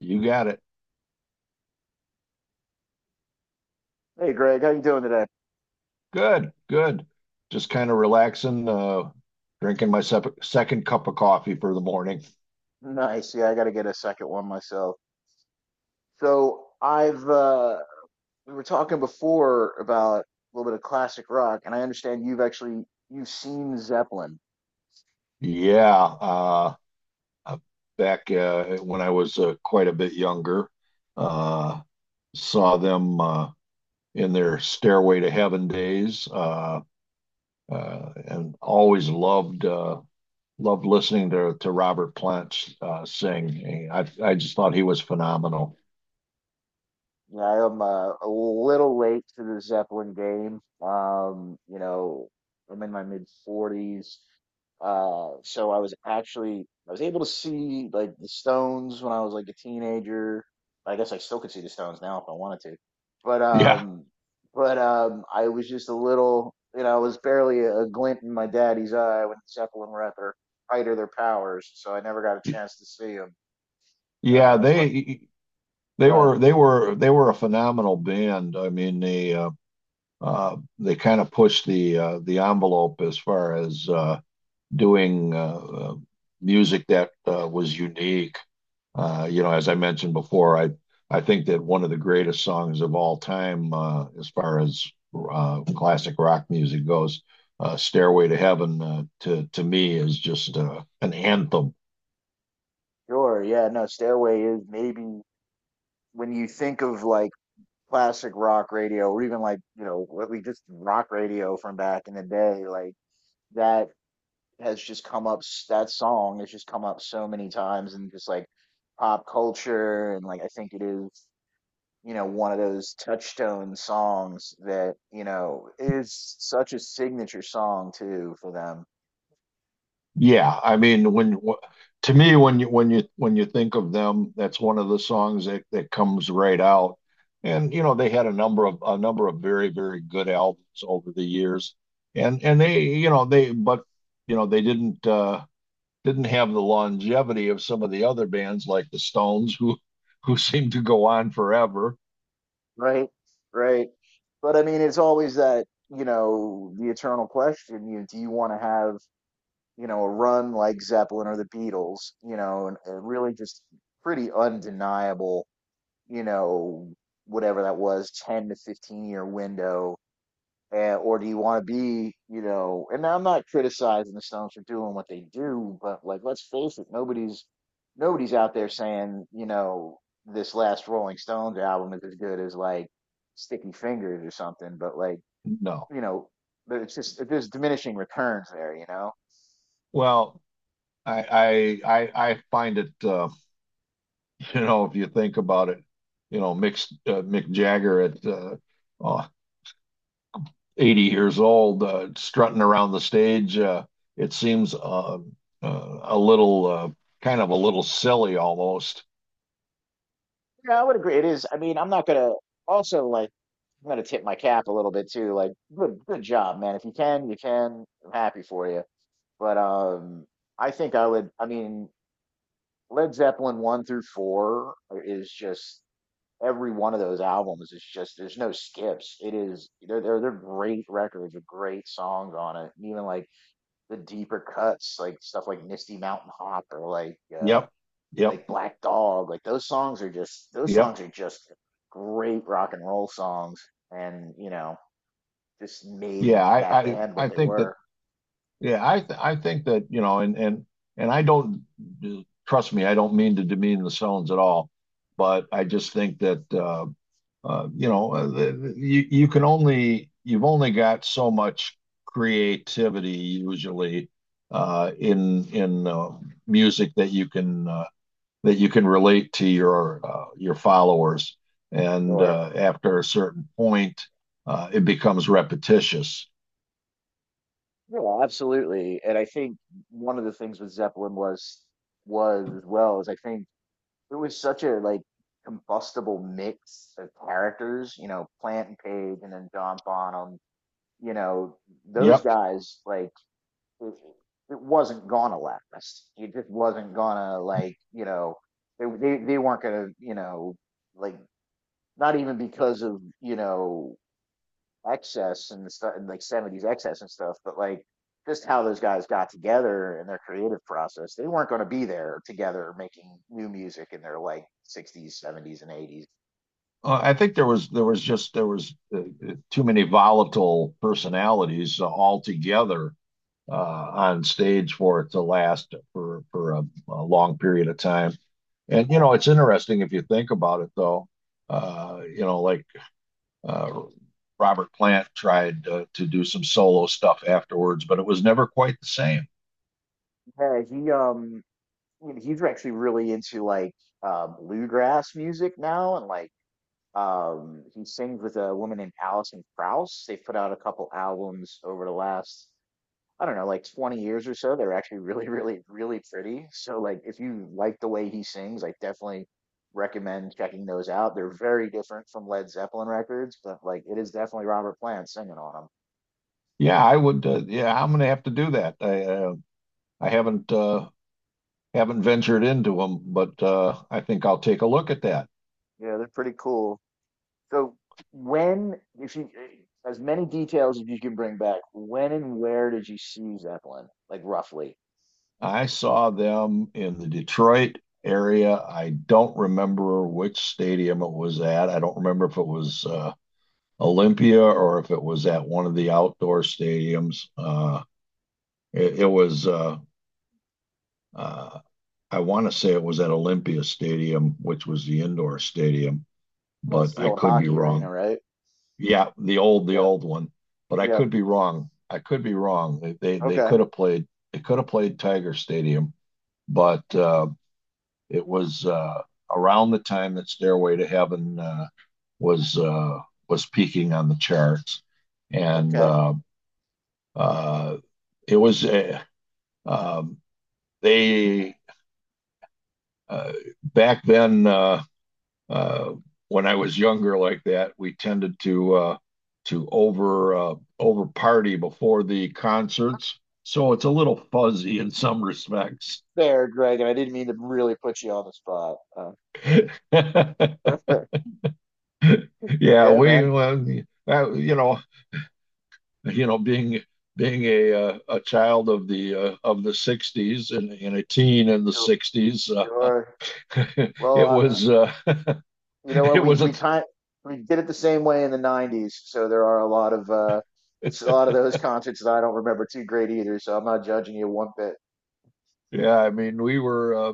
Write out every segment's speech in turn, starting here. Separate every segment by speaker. Speaker 1: You got it.
Speaker 2: Hey Greg, how you doing today?
Speaker 1: Good, good. Just kind of relaxing, drinking my second cup of coffee for the morning.
Speaker 2: Nice. Yeah, I got to get a second one myself. So I've we were talking before about a little bit of classic rock, and I understand you've actually you've seen Zeppelin.
Speaker 1: Yeah, uh, back when I was quite a bit younger, uh, saw them in their Stairway to Heaven days, and always loved loved listening to Robert Plant sing. I just thought he was phenomenal.
Speaker 2: Yeah, I am a little late to the Zeppelin game. Um, you know, I'm in my mid 40s. So I was able to see like the Stones when I was like a teenager. I guess I still could see the Stones now if I wanted to. But
Speaker 1: Yeah.
Speaker 2: um but I was just a little, you know, I was barely a glint in my daddy's eye when Zeppelin were at their height of their powers, so I never got a chance to see them.
Speaker 1: Yeah,
Speaker 2: Uh so I,
Speaker 1: they They
Speaker 2: go ahead.
Speaker 1: were they were they were a phenomenal band. I mean, they kind of pushed the envelope as far as doing music that was unique. You know, as I mentioned before, I think that one of the greatest songs of all time, as far as classic rock music goes, "Stairway to Heaven," to me is just an anthem.
Speaker 2: Sure, yeah, no, Stairway is maybe when you think of like classic rock radio or even, like, you know, what we just rock radio from back in the day, like that has just come up s- that song has just come up so many times in just like pop culture, and like I think it is, you know, one of those touchstone songs that, you know, is such a signature song too for them.
Speaker 1: Yeah, I mean, to me, when you think of them, that's one of the songs that comes right out. And you know, they had a number of very good albums over the years, and they, you know, they but you know, they didn't have the longevity of some of the other bands like the Stones who seem to go on forever.
Speaker 2: Right. Right. But I mean, it's always that, you know, the eternal question. You know, do you want to have, you know, a run like Zeppelin or the Beatles, you know, and really just pretty undeniable, you know, whatever that was, 10 to 15 year window. Or do you want to be, you know, and I'm not criticizing the Stones for doing what they do, but like, let's face it, nobody's out there saying, you know, this last Rolling Stones album is as good as like Sticky Fingers or something, but like,
Speaker 1: No,
Speaker 2: you know, but it's just there's diminishing returns there, you know?
Speaker 1: well, I find it. You know, if you think about it, you know, Mick Jagger at uh, 80 years old, strutting around the stage, it seems a little, kind of a little silly almost.
Speaker 2: Yeah, I would agree. It is. I mean, I'm not gonna also like I'm gonna tip my cap a little bit too. Like, good job, man. If you can, you can. I'm happy for you. But I think I would, I mean, Led Zeppelin one through four is just every one of those albums is just there's no skips. It is they're they're great records with great songs on it. Even like the deeper cuts, like stuff like Misty Mountain Hop or
Speaker 1: Yep, yep,
Speaker 2: like Black Dog, like those songs are just those
Speaker 1: yep.
Speaker 2: songs are just great rock and roll songs, and you know just made
Speaker 1: Yeah,
Speaker 2: that band what
Speaker 1: I
Speaker 2: they
Speaker 1: think that.
Speaker 2: were.
Speaker 1: Yeah, I think that, you know, and I don't, trust me, I don't mean to demean the Stones at all, but I just think that, you know, you you can only you've only got so much creativity usually in music that you can, that you can relate to your, your followers, and
Speaker 2: Or
Speaker 1: after a certain point, it becomes repetitious.
Speaker 2: yeah, absolutely. And I think one of the things with Zeppelin was as well is I think it was such a like combustible mix of characters, you know, Plant and Page, and then John Bonham. You know, those
Speaker 1: Yep,
Speaker 2: guys like it, it wasn't gonna last. It just wasn't gonna, like, you know, they weren't gonna, you know, like, not even because of, you know, excess and stuff, and like seventies excess and stuff, but like just how those guys got together and their creative process. They weren't gonna be there together making new music in their like sixties, seventies, and eighties.
Speaker 1: I think there was just there was too many volatile personalities all together on stage for it to last for a long period of time. And you know, it's interesting if you think about it, though. Uh, you know, like uh, Robert Plant tried to do some solo stuff afterwards, but it was never quite the same.
Speaker 2: Yeah, he he's actually really into like bluegrass music now, and like he sings with a woman named Alison Krauss. They put out a couple albums over the last, I don't know, like 20 years or so. They're actually really, really, really pretty. So, like, if you like the way he sings, I definitely recommend checking those out. They're very different from Led Zeppelin records, but like, it is definitely Robert Plant singing on them.
Speaker 1: Yeah, I would. Yeah, I'm going to have to do that. I haven't ventured into them, but I think I'll take a look at that.
Speaker 2: Yeah, they're pretty cool. So, when, if you, as many details as you can bring back, when and where did you see Zeppelin? Like, roughly.
Speaker 1: I saw them in the Detroit area. I don't remember which stadium it was at. I don't remember if it was Olympia or if it was at one of the outdoor stadiums. It was, uh, I want to say it was at Olympia Stadium, which was the indoor stadium,
Speaker 2: That's
Speaker 1: but
Speaker 2: the
Speaker 1: I
Speaker 2: old
Speaker 1: could be
Speaker 2: hockey arena,
Speaker 1: wrong.
Speaker 2: right?
Speaker 1: Yeah, the
Speaker 2: Yeah.
Speaker 1: old one, but I
Speaker 2: Yep.
Speaker 1: could be wrong. I could be wrong. They could
Speaker 2: Okay.
Speaker 1: have played. They could have played Tiger Stadium, but it was around the time that Stairway to Heaven was uh, was peaking on the charts, and
Speaker 2: Okay.
Speaker 1: uh, it was um, they uh, back then, uh, when I was younger like that, we tended to over party before the concerts, so it's a little fuzzy in some respects.
Speaker 2: Fair, Greg, and I didn't mean to really put you on the spot. That's fair.
Speaker 1: Yeah,
Speaker 2: Yeah, man.
Speaker 1: well, you know, being being a child of the, of the '60s, and a teen in the
Speaker 2: Sure.
Speaker 1: '60s. uh,
Speaker 2: Sure. Well,
Speaker 1: it was
Speaker 2: you know what?
Speaker 1: it
Speaker 2: We
Speaker 1: was a
Speaker 2: we kind we did it the same way in the '90s, so there are a lot of there's a lot of those concerts that I don't remember too great either. So I'm not judging you one bit.
Speaker 1: Yeah, I mean, we were uh,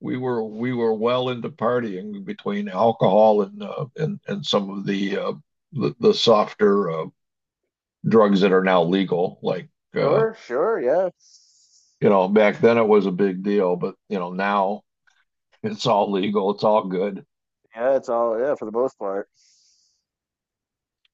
Speaker 1: we were we were well into partying between alcohol and, and some of the, the softer drugs that are now legal, like, uh,
Speaker 2: Sure. Sure. Yeah.
Speaker 1: you know, back then it was a big deal, but you know, now it's all legal, it's all good.
Speaker 2: Yeah. It's all yeah for the most part.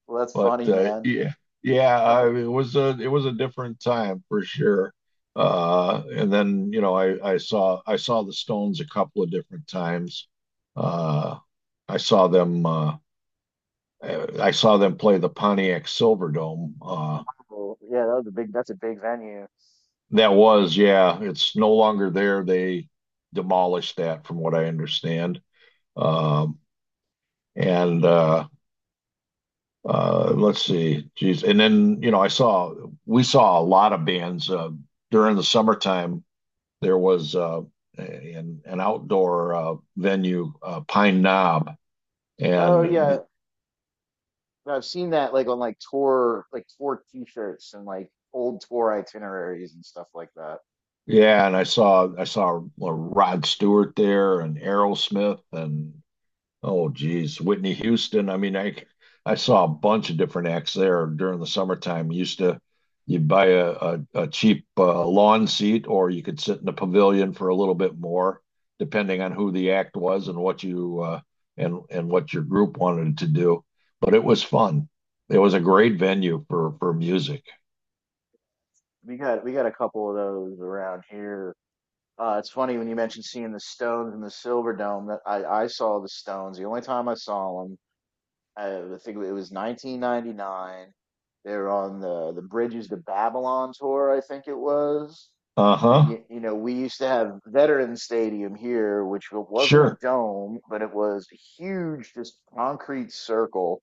Speaker 2: Well, that's
Speaker 1: But
Speaker 2: funny, man.
Speaker 1: yeah, yeah, it was a, it was a different time for sure. And then, you know, I saw the Stones a couple of different times. Uh, I saw them uh, I saw them play the Pontiac Silverdome.
Speaker 2: Cool. Yeah, that was a big. That's a big venue.
Speaker 1: That was, yeah, it's no longer there. They demolished that, from what I understand. Um, and Let's see. Geez. And then, you know, we saw a lot of bands during the summertime. There was an outdoor venue, Pine Knob.
Speaker 2: Oh
Speaker 1: And the,
Speaker 2: yeah, I've seen that like on like tour T-shirts and like old tour itineraries and stuff like that.
Speaker 1: yeah, and I saw Rod Stewart there, and Aerosmith, and, oh, geez, Whitney Houston. I mean, I saw a bunch of different acts there during the summertime. Used to You'd buy a, a cheap lawn seat, or you could sit in the pavilion for a little bit more, depending on who the act was and what you, and what your group wanted to do. But it was fun. It was a great venue for music.
Speaker 2: We got a couple of those around here. It's funny when you mentioned seeing the Stones in the Silver Dome that I saw the Stones. The only time I saw them. I think it was 1999. They were on the Bridges to Babylon tour, I think it was. And
Speaker 1: Uh-huh.
Speaker 2: you know, we used to have Veterans Stadium here, which wasn't a
Speaker 1: Sure.
Speaker 2: dome, but it was a huge, just concrete circle,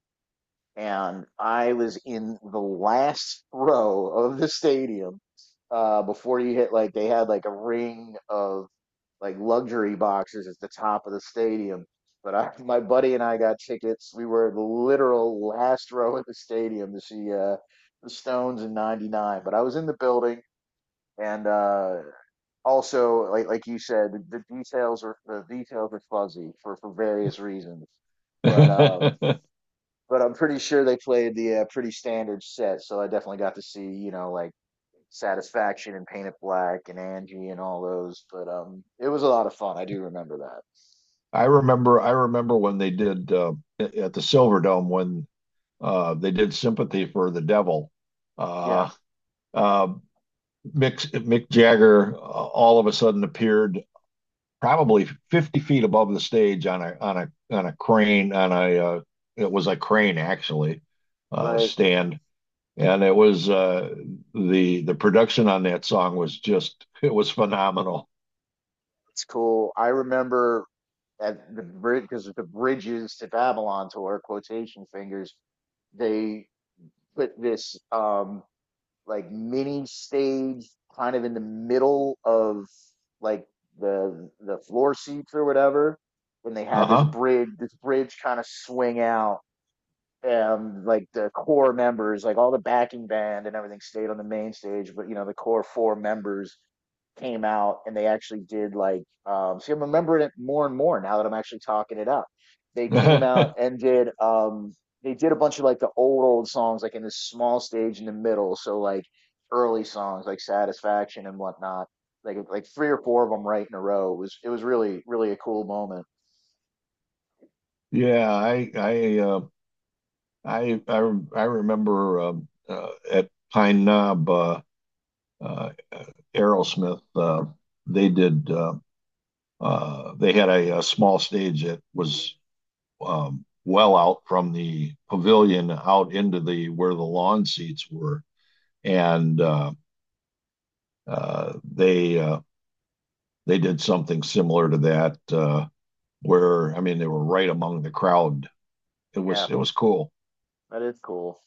Speaker 2: and I was in the last row of the stadium before you hit like they had like a ring of like luxury boxes at the top of the stadium. But I, my buddy and I got tickets. We were the literal last row in the stadium to see the Stones in '99. But I was in the building, and also like you said, the details are fuzzy for various reasons. But um,
Speaker 1: I
Speaker 2: but I'm pretty sure they played the pretty standard set, so I definitely got to see, you know, like Satisfaction and Paint It Black and Angie and all those. But it was a lot of fun. I do remember that.
Speaker 1: I remember when they did, at the Silverdome, when, they did "Sympathy for the Devil."
Speaker 2: Yeah,
Speaker 1: Uh, uh, Mick Jagger all of a sudden appeared probably 50 feet above the stage on a on a crane, on a, it was a crane actually,
Speaker 2: right.
Speaker 1: stand, and it was, the production on that song was just, it was phenomenal.
Speaker 2: It's cool. I remember at the bridge, because the Bridges to Babylon tour, quotation fingers, they put this like mini stage kind of in the middle of like the floor seats or whatever, when they had this
Speaker 1: Uh-huh.
Speaker 2: bridge this bridge kind of swing out, like the core members, like all the backing band and everything stayed on the main stage, but you know, the core four members came out, and they actually did like see I'm remembering it more and more now that I'm actually talking it up. They came out and did they did a bunch of like the old old songs like in this small stage in the middle. So like early songs like Satisfaction and whatnot. Like three or four of them right in a row. It was really, really a cool moment.
Speaker 1: Yeah, I remember, at Pine Knob, uh, Aerosmith, they did uh, they had a small stage that was, well out from the pavilion out into the where the lawn seats were, and uh, they uh, they did something similar to that, where, I mean, they were right among the crowd.
Speaker 2: Yeah,
Speaker 1: It was cool.
Speaker 2: that is cool.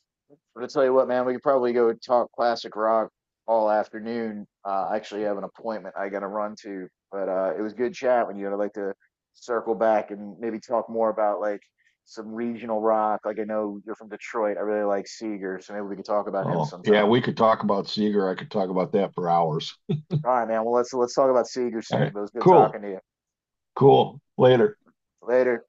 Speaker 2: But I tell you what, man, we could probably go talk classic rock all afternoon. I actually have an appointment I got to run to, but it was good chat with you. And I'd like to circle back and maybe talk more about like some regional rock. Like I know you're from Detroit. I really like Seeger, so maybe we could talk about him
Speaker 1: Oh yeah,
Speaker 2: sometime.
Speaker 1: we could talk about Seeger. I could talk about that for hours.
Speaker 2: All right, man. Well, let's talk about Seeger
Speaker 1: All
Speaker 2: soon.
Speaker 1: right,
Speaker 2: But it was good
Speaker 1: cool,
Speaker 2: talking to you.
Speaker 1: cool. Later.
Speaker 2: Later.